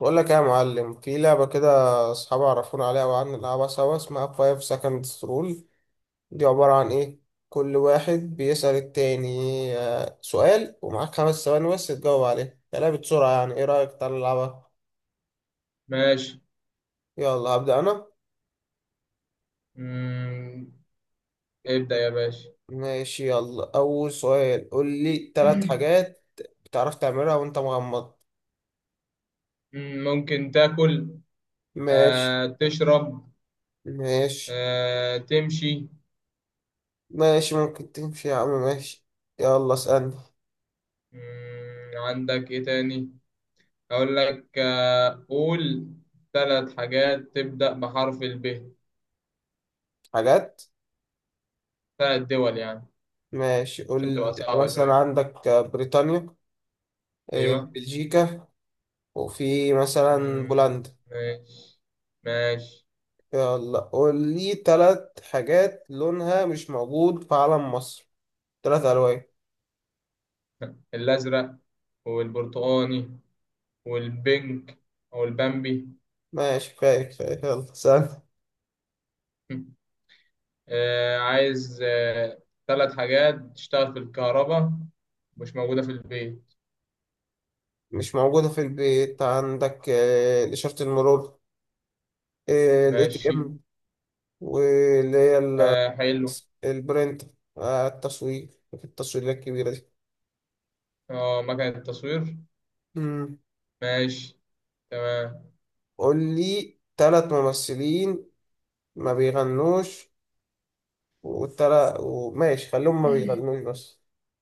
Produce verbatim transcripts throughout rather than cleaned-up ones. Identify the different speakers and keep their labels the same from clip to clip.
Speaker 1: بقول لك إيه يا معلم في لعبة كده، أصحابي عرفونا عليها وقعدنا نلعبها سوا اسمها فايف seconds rule. دي عبارة عن إيه؟ كل واحد بيسأل التاني. آه، سؤال ومعاك خمس ثواني بس تجاوب عليه، يا لعبة سرعة يعني. إيه رأيك تعالى نلعبها؟
Speaker 2: ماشي.
Speaker 1: يلا هبدأ أنا.
Speaker 2: مم. ابدأ يا باشا.
Speaker 1: ماشي يلا أول سؤال، قول لي تلات حاجات بتعرف تعملها وأنت مغمض.
Speaker 2: مم، ممكن تاكل.
Speaker 1: ماشي.
Speaker 2: آه، تشرب.
Speaker 1: ماشي.
Speaker 2: آه، تمشي.
Speaker 1: ماشي ممكن تمشي يا عم ماشي. يلا اسألني.
Speaker 2: مم، عندك ايه تاني؟ اقول لك آه، قول ثلاث حاجات تبدأ بحرف الب.
Speaker 1: حاجات.
Speaker 2: ثلاث دول يعني.
Speaker 1: ماشي
Speaker 2: عشان
Speaker 1: قول
Speaker 2: تبقى
Speaker 1: لي
Speaker 2: صعبة
Speaker 1: مثلا
Speaker 2: شوية.
Speaker 1: عندك بريطانيا. آه،
Speaker 2: ايوه.
Speaker 1: بلجيكا. وفي مثلا
Speaker 2: مم،
Speaker 1: بولندا.
Speaker 2: ماشي. ماشي.
Speaker 1: يلا قول لي تلات حاجات لونها مش موجود في علم مصر، تلات ألوان.
Speaker 2: الازرق، والبرتقاني، والبنك، او البامبي.
Speaker 1: ماشي كفاية كفاية يلا سهل.
Speaker 2: آه، عايز آه، ثلاث حاجات تشتغل في الكهرباء، مش موجودة في البيت.
Speaker 1: مش موجودة في البيت، عندك آه، إشارة المرور، الاي تي
Speaker 2: ماشي.
Speaker 1: ام، واللي هي ال-
Speaker 2: آه حلو.
Speaker 1: البرنت، آه، التصوير، في التصويرات الكبيرة دي.
Speaker 2: اه مكنة التصوير.
Speaker 1: مم.
Speaker 2: ماشي. تمام.
Speaker 1: قول لي تلات ممثلين ما بيغنوش. والتلا وماشي خليهم ما بيغنوش بس،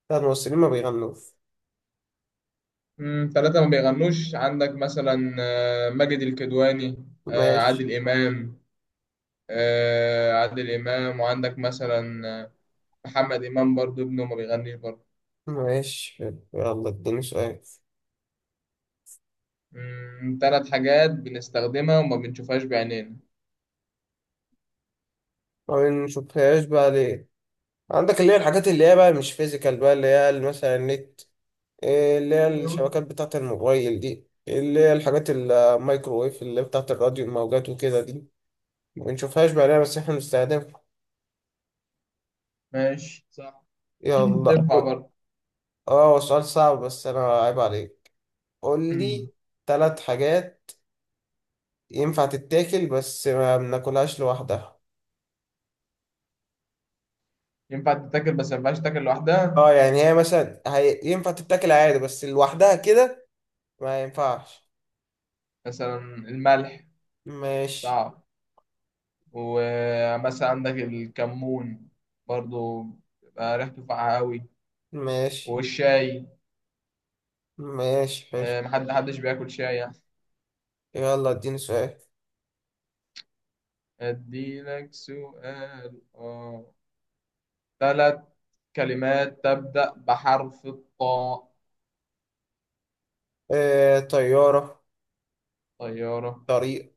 Speaker 1: ثلاث ممثلين ما بيغنوش.
Speaker 2: مم، ثلاثة ما بيغنوش، عندك مثلا آه، ماجد الكدواني، آه،
Speaker 1: ماشي.
Speaker 2: عادل إمام. آه، عادل إمام، وعندك مثلا آه، محمد إمام برضو، ابنه ما بيغنيش برضو.
Speaker 1: ماشي حلو. يلا اديني سؤال.
Speaker 2: مم، ثلاث حاجات بنستخدمها وما بنشوفهاش بعينينا.
Speaker 1: ما بنشوفهاش بقى ليه، عندك اللي هي الحاجات اللي هي بقى مش فيزيكال بقى، اللي هي ال- مثلا النت، إيه اللي هي
Speaker 2: ايوه.
Speaker 1: الشبكات بتاعة الموبايل دي، اللي هي الحاجات الميكروويف اللي بتاعة الراديو، الموجات وكده دي، ما بنشوفهاش بقى ليه بس احنا بنستخدمها.
Speaker 2: ماشي صح.
Speaker 1: يلا
Speaker 2: تنفع
Speaker 1: قول-
Speaker 2: برضو.
Speaker 1: اه هو سؤال صعب بس انا عيب عليك. قول لي ثلاث حاجات ينفع تتاكل بس ما بناكلهاش لوحدها.
Speaker 2: ينفع تتاكل بس ما ينفعش تاكل لوحدها؟
Speaker 1: اه يعني هي مثلا هي... ينفع تتاكل عادي بس لوحدها كده ما ينفعش.
Speaker 2: مثلا الملح.
Speaker 1: ماشي.
Speaker 2: صعب. ومثلا عندك الكمون برضو، بيبقى ريحته فاقعة قوي.
Speaker 1: ماشي.
Speaker 2: والشاي.
Speaker 1: ماشي حلو
Speaker 2: آه، محد حدش بياكل شاي يعني.
Speaker 1: يلا اديني سؤال.
Speaker 2: اديلك سؤال اه. ثلاث كلمات تبدأ بحرف الطاء.
Speaker 1: آه... طيارة،
Speaker 2: طيارة.
Speaker 1: طريق،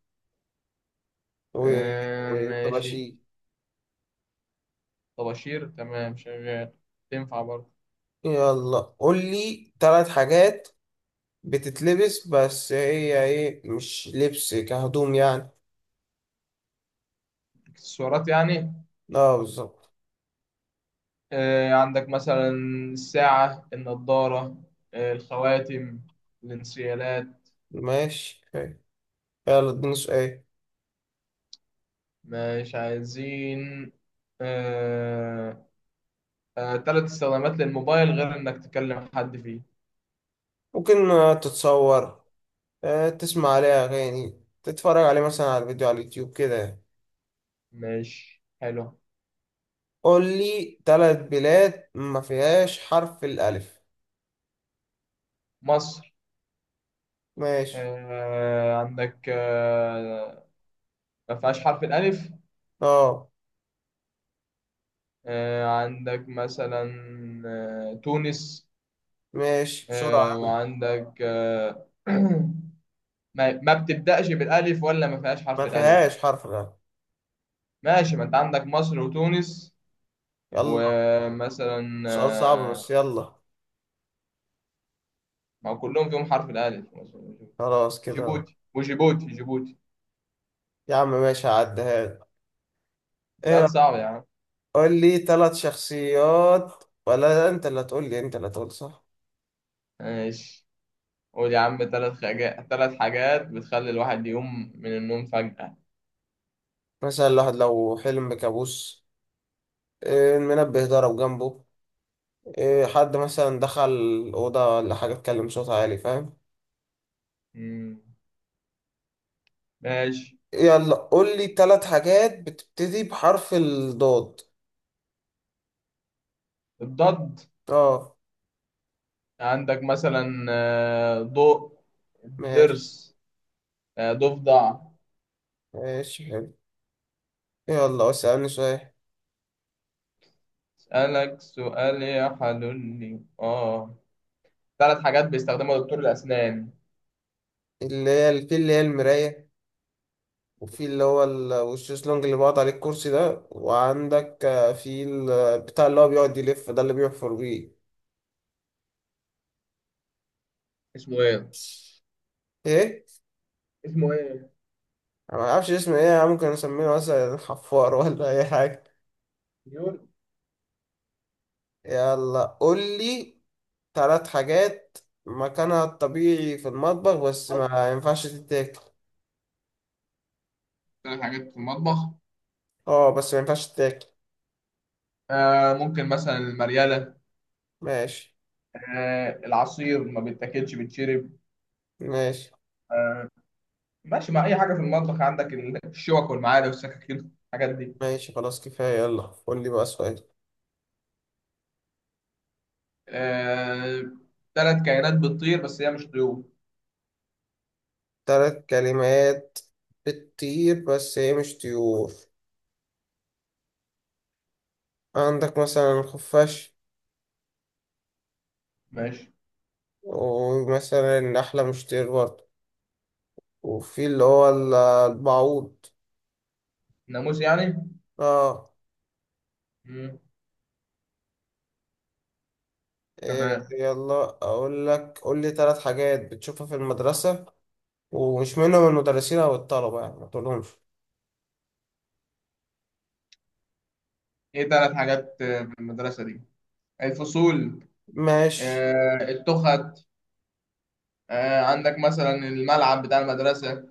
Speaker 2: آه ماشي.
Speaker 1: وطباشير.
Speaker 2: طباشير تمام شغال. تنفع برضه.
Speaker 1: يلا قول لي ثلاث حاجات بتتلبس بس هي ايه، مش لبس كهدوم يعني.
Speaker 2: اكسسوارات يعني؟
Speaker 1: اه بالظبط.
Speaker 2: آه، عندك مثلا الساعة، النضارة، آه، الخواتم، الانسيالات.
Speaker 1: ماشي حلو. يلا اديني سؤال.
Speaker 2: مش عايزين. آه، آه، تلات استخدامات للموبايل غير إنك تكلم حد فيه.
Speaker 1: ممكن آه، تتصور، آه، تسمع عليه أغاني، تتفرج عليه مثلا على فيديو على اليوتيوب كده يعني.
Speaker 2: مش حلو.
Speaker 1: قول لي تلات بلاد ما فيهاش حرف الألف.
Speaker 2: مصر.
Speaker 1: ماشي.
Speaker 2: آه، عندك آه، ما فيهاش حرف الألف.
Speaker 1: اه.
Speaker 2: آه، عندك مثلا آه، تونس.
Speaker 1: ماشي
Speaker 2: آه،
Speaker 1: بسرعة.
Speaker 2: وعندك آه، ما ما بتبدأش بالألف ولا ما فيهاش حرف
Speaker 1: ما
Speaker 2: الألف.
Speaker 1: فيهاش حرف الألف.
Speaker 2: ماشي ما انت عندك مصر وتونس.
Speaker 1: يلا.
Speaker 2: ومثلا
Speaker 1: سؤال صعب
Speaker 2: آه،
Speaker 1: بس يلا.
Speaker 2: ما هو كلهم فيهم حرف الألف مصر وتونس.
Speaker 1: خلاص كده.
Speaker 2: جيبوتي وجيبوتي جيبوتي.
Speaker 1: يا عم ماشي هعديها لك. ايه؟
Speaker 2: سؤال صعب يا عم.
Speaker 1: قول لي تلات شخصيات، ولا لا انت اللي هتقول لي، انت اللي هتقول صح.
Speaker 2: ماشي. قول يا عم ثلاث حاجات ثلاث حاجات بتخلي الواحد يقوم من النوم فجأة.
Speaker 1: مثلا الواحد لو حلم بكابوس، آه، المنبه ضرب جنبه، إيه حد مثلا دخل الأوضة ولا حاجة اتكلم صوت عالي، فاهم؟
Speaker 2: مم. ماشي.
Speaker 1: يلا قول لي تلات حاجات بتبتدي بحرف الضاد.
Speaker 2: الضد.
Speaker 1: اه.
Speaker 2: عندك مثلا آه، ضوء،
Speaker 1: ماشي.
Speaker 2: ضرس، آه، ضفدع.
Speaker 1: ماشي حلو. يلا اسألني سؤال.
Speaker 2: اسألك سؤال يا حلولي اه. ثلاث حاجات بيستخدمها دكتور الأسنان.
Speaker 1: اللي هي في اللي هي المراية، وفي اللي هو ال- والشيزلونج اللي بقعد عليه، الكرسي ده، وعندك آه، في ال- بتاع اللي هو بيقعد يلف ده، اللي بيحفر بيه.
Speaker 2: اسمه ايه؟
Speaker 1: ايه؟
Speaker 2: اسمه ايه؟
Speaker 1: انا ما اعرفش اسمه ايه، ممكن اسميه مثلا حفار ولا اي حاجة.
Speaker 2: ديور.
Speaker 1: يلا قول لي ثلاث حاجات مكانها الطبيعي في المطبخ بس ما ينفعش تتاكل.
Speaker 2: بتعمل حاجات في المطبخ؟
Speaker 1: اه بس ما ينفعش تتاكل.
Speaker 2: آه، ممكن مثلا المريالة.
Speaker 1: ماشي.
Speaker 2: آه، العصير ما بيتاكلش بيتشرب.
Speaker 1: ماشي.
Speaker 2: آه. ماشي مع أي حاجة في المطبخ، عندك الشوك والمعالق والسكاكين الحاجات دي.
Speaker 1: ماشي خلاص كفاية، يلا قول لي بقى سؤال.
Speaker 2: آه ثلاث كائنات بتطير بس هي مش طيور.
Speaker 1: ثلاث كلمات بتطير بس هي مش طيور. عندك مثلا الخفاش،
Speaker 2: ماشي.
Speaker 1: ومثلا النحلة مش طير برضه، وفي اللي هو ال- البعوض.
Speaker 2: ناموس يعني؟
Speaker 1: اه.
Speaker 2: مم.
Speaker 1: إيه
Speaker 2: تمام.
Speaker 1: يلا اقول لك، قول لي ثلاث حاجات بتشوفها في المدرسة ومش منهم المدرسين او الطلبة يعني، ما تقولهمش.
Speaker 2: ايه ثلاث حاجات آه، في المدرسة دي؟ الفصول.
Speaker 1: ماشي.
Speaker 2: آه، التخت. آه، عندك مثلا الملعب بتاع المدرسة.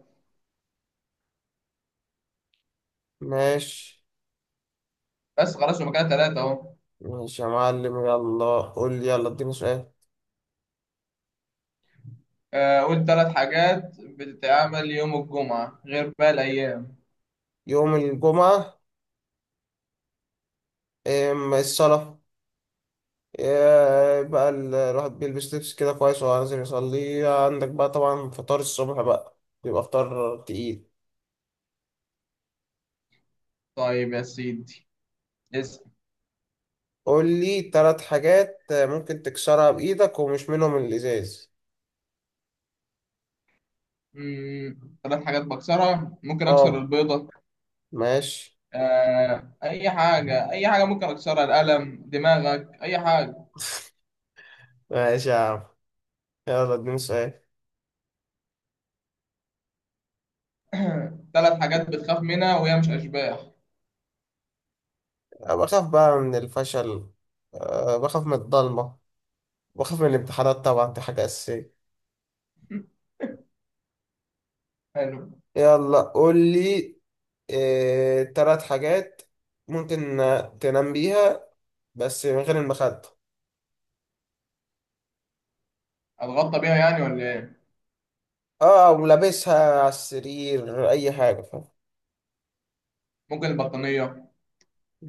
Speaker 1: ماشي.
Speaker 2: بس خلاص هما كده ثلاثة اهو.
Speaker 1: ماشي يا معلم. يلا قول لي، يلا اديني سؤال.
Speaker 2: آه، قول ثلاث حاجات بتتعمل يوم الجمعة غير باقي الأيام.
Speaker 1: يوم الجمعة، إم، الصلاة، إيه بقى ال- الواحد بيلبس لبس كده كويس وهو نازل يصلي، عندك بقى طبعا فطار الصبح بقى، بيبقى فطار تقيل.
Speaker 2: طيب يا سيدي، اسأل.
Speaker 1: قول لي تلات حاجات ممكن تكسرها بإيدك ومش منهم الإزاز.
Speaker 2: مم، ثلاث حاجات بكسرها، ممكن أكسر
Speaker 1: اه.
Speaker 2: البيضة.
Speaker 1: ماشي.
Speaker 2: آه، أي حاجة، أي حاجة ممكن أكسرها، القلم، دماغك، أي حاجة.
Speaker 1: ماشي يا عم. يلا اديني سؤال.
Speaker 2: ثلاث حاجات بتخاف منها وهي مش أشباح.
Speaker 1: أنا بخاف بقى من الفشل، أه بخاف من الضلمة، بخاف من الامتحانات طبعا دي حاجة أساسية.
Speaker 2: حلو.
Speaker 1: يلا قول لي آه، تلات حاجات ممكن تنام بيها بس من غير المخدة.
Speaker 2: أتغطى بيها يعني ولا إيه؟
Speaker 1: اه ولابسها على السرير اي حاجة، فاهم؟
Speaker 2: ممكن البطانية.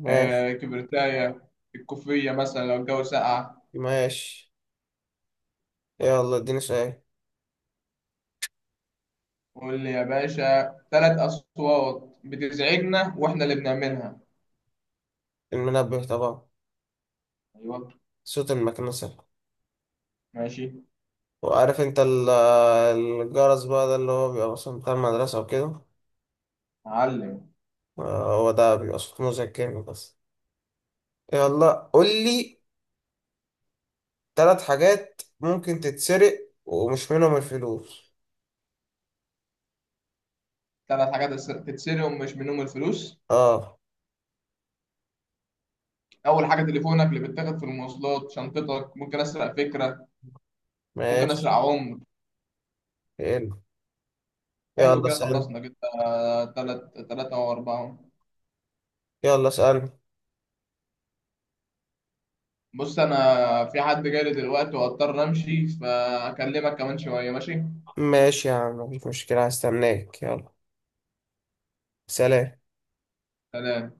Speaker 1: ماشي.
Speaker 2: آه، كبرتاية، الكوفية مثلا لو الجو ساقع.
Speaker 1: ماشي يلا اديني سؤال.
Speaker 2: قول لي يا باشا ثلاث أصوات بتزعجنا وإحنا اللي بنعملها.
Speaker 1: المنبه طبعا،
Speaker 2: أيوة.
Speaker 1: صوت المكنسة،
Speaker 2: ماشي.
Speaker 1: وعارف انت ال- الجرس بقى ده اللي هو بيبقى مثلا بتاع المدرسة وكده،
Speaker 2: معلم.
Speaker 1: آه، هو ده بيبقى صوت مزعج جامد بس. يلا قول لي تلات حاجات ممكن تتسرق ومش منهم الفلوس.
Speaker 2: ثلاث حاجات تس- تتسرقهم مش منهم الفلوس.
Speaker 1: اه.
Speaker 2: اول حاجه تليفونك اللي بيتاخد في المواصلات، شنطتك، ممكن اسرق فكره. ممكن اسرق
Speaker 1: ماشي.
Speaker 2: عمر.
Speaker 1: يلا.
Speaker 2: حلو
Speaker 1: يلا
Speaker 2: كده،
Speaker 1: اسألني.
Speaker 2: خلصنا كده. ثلاث ثلاثه او اربعه.
Speaker 1: يلا اسألني.
Speaker 2: بص انا في حد جالي دلوقتي واضطر امشي، فاكلمك كمان شويه، ماشي.
Speaker 1: ماشي يا عم مفيش مشكلة هستناك يلا. سلام.
Speaker 2: سلام.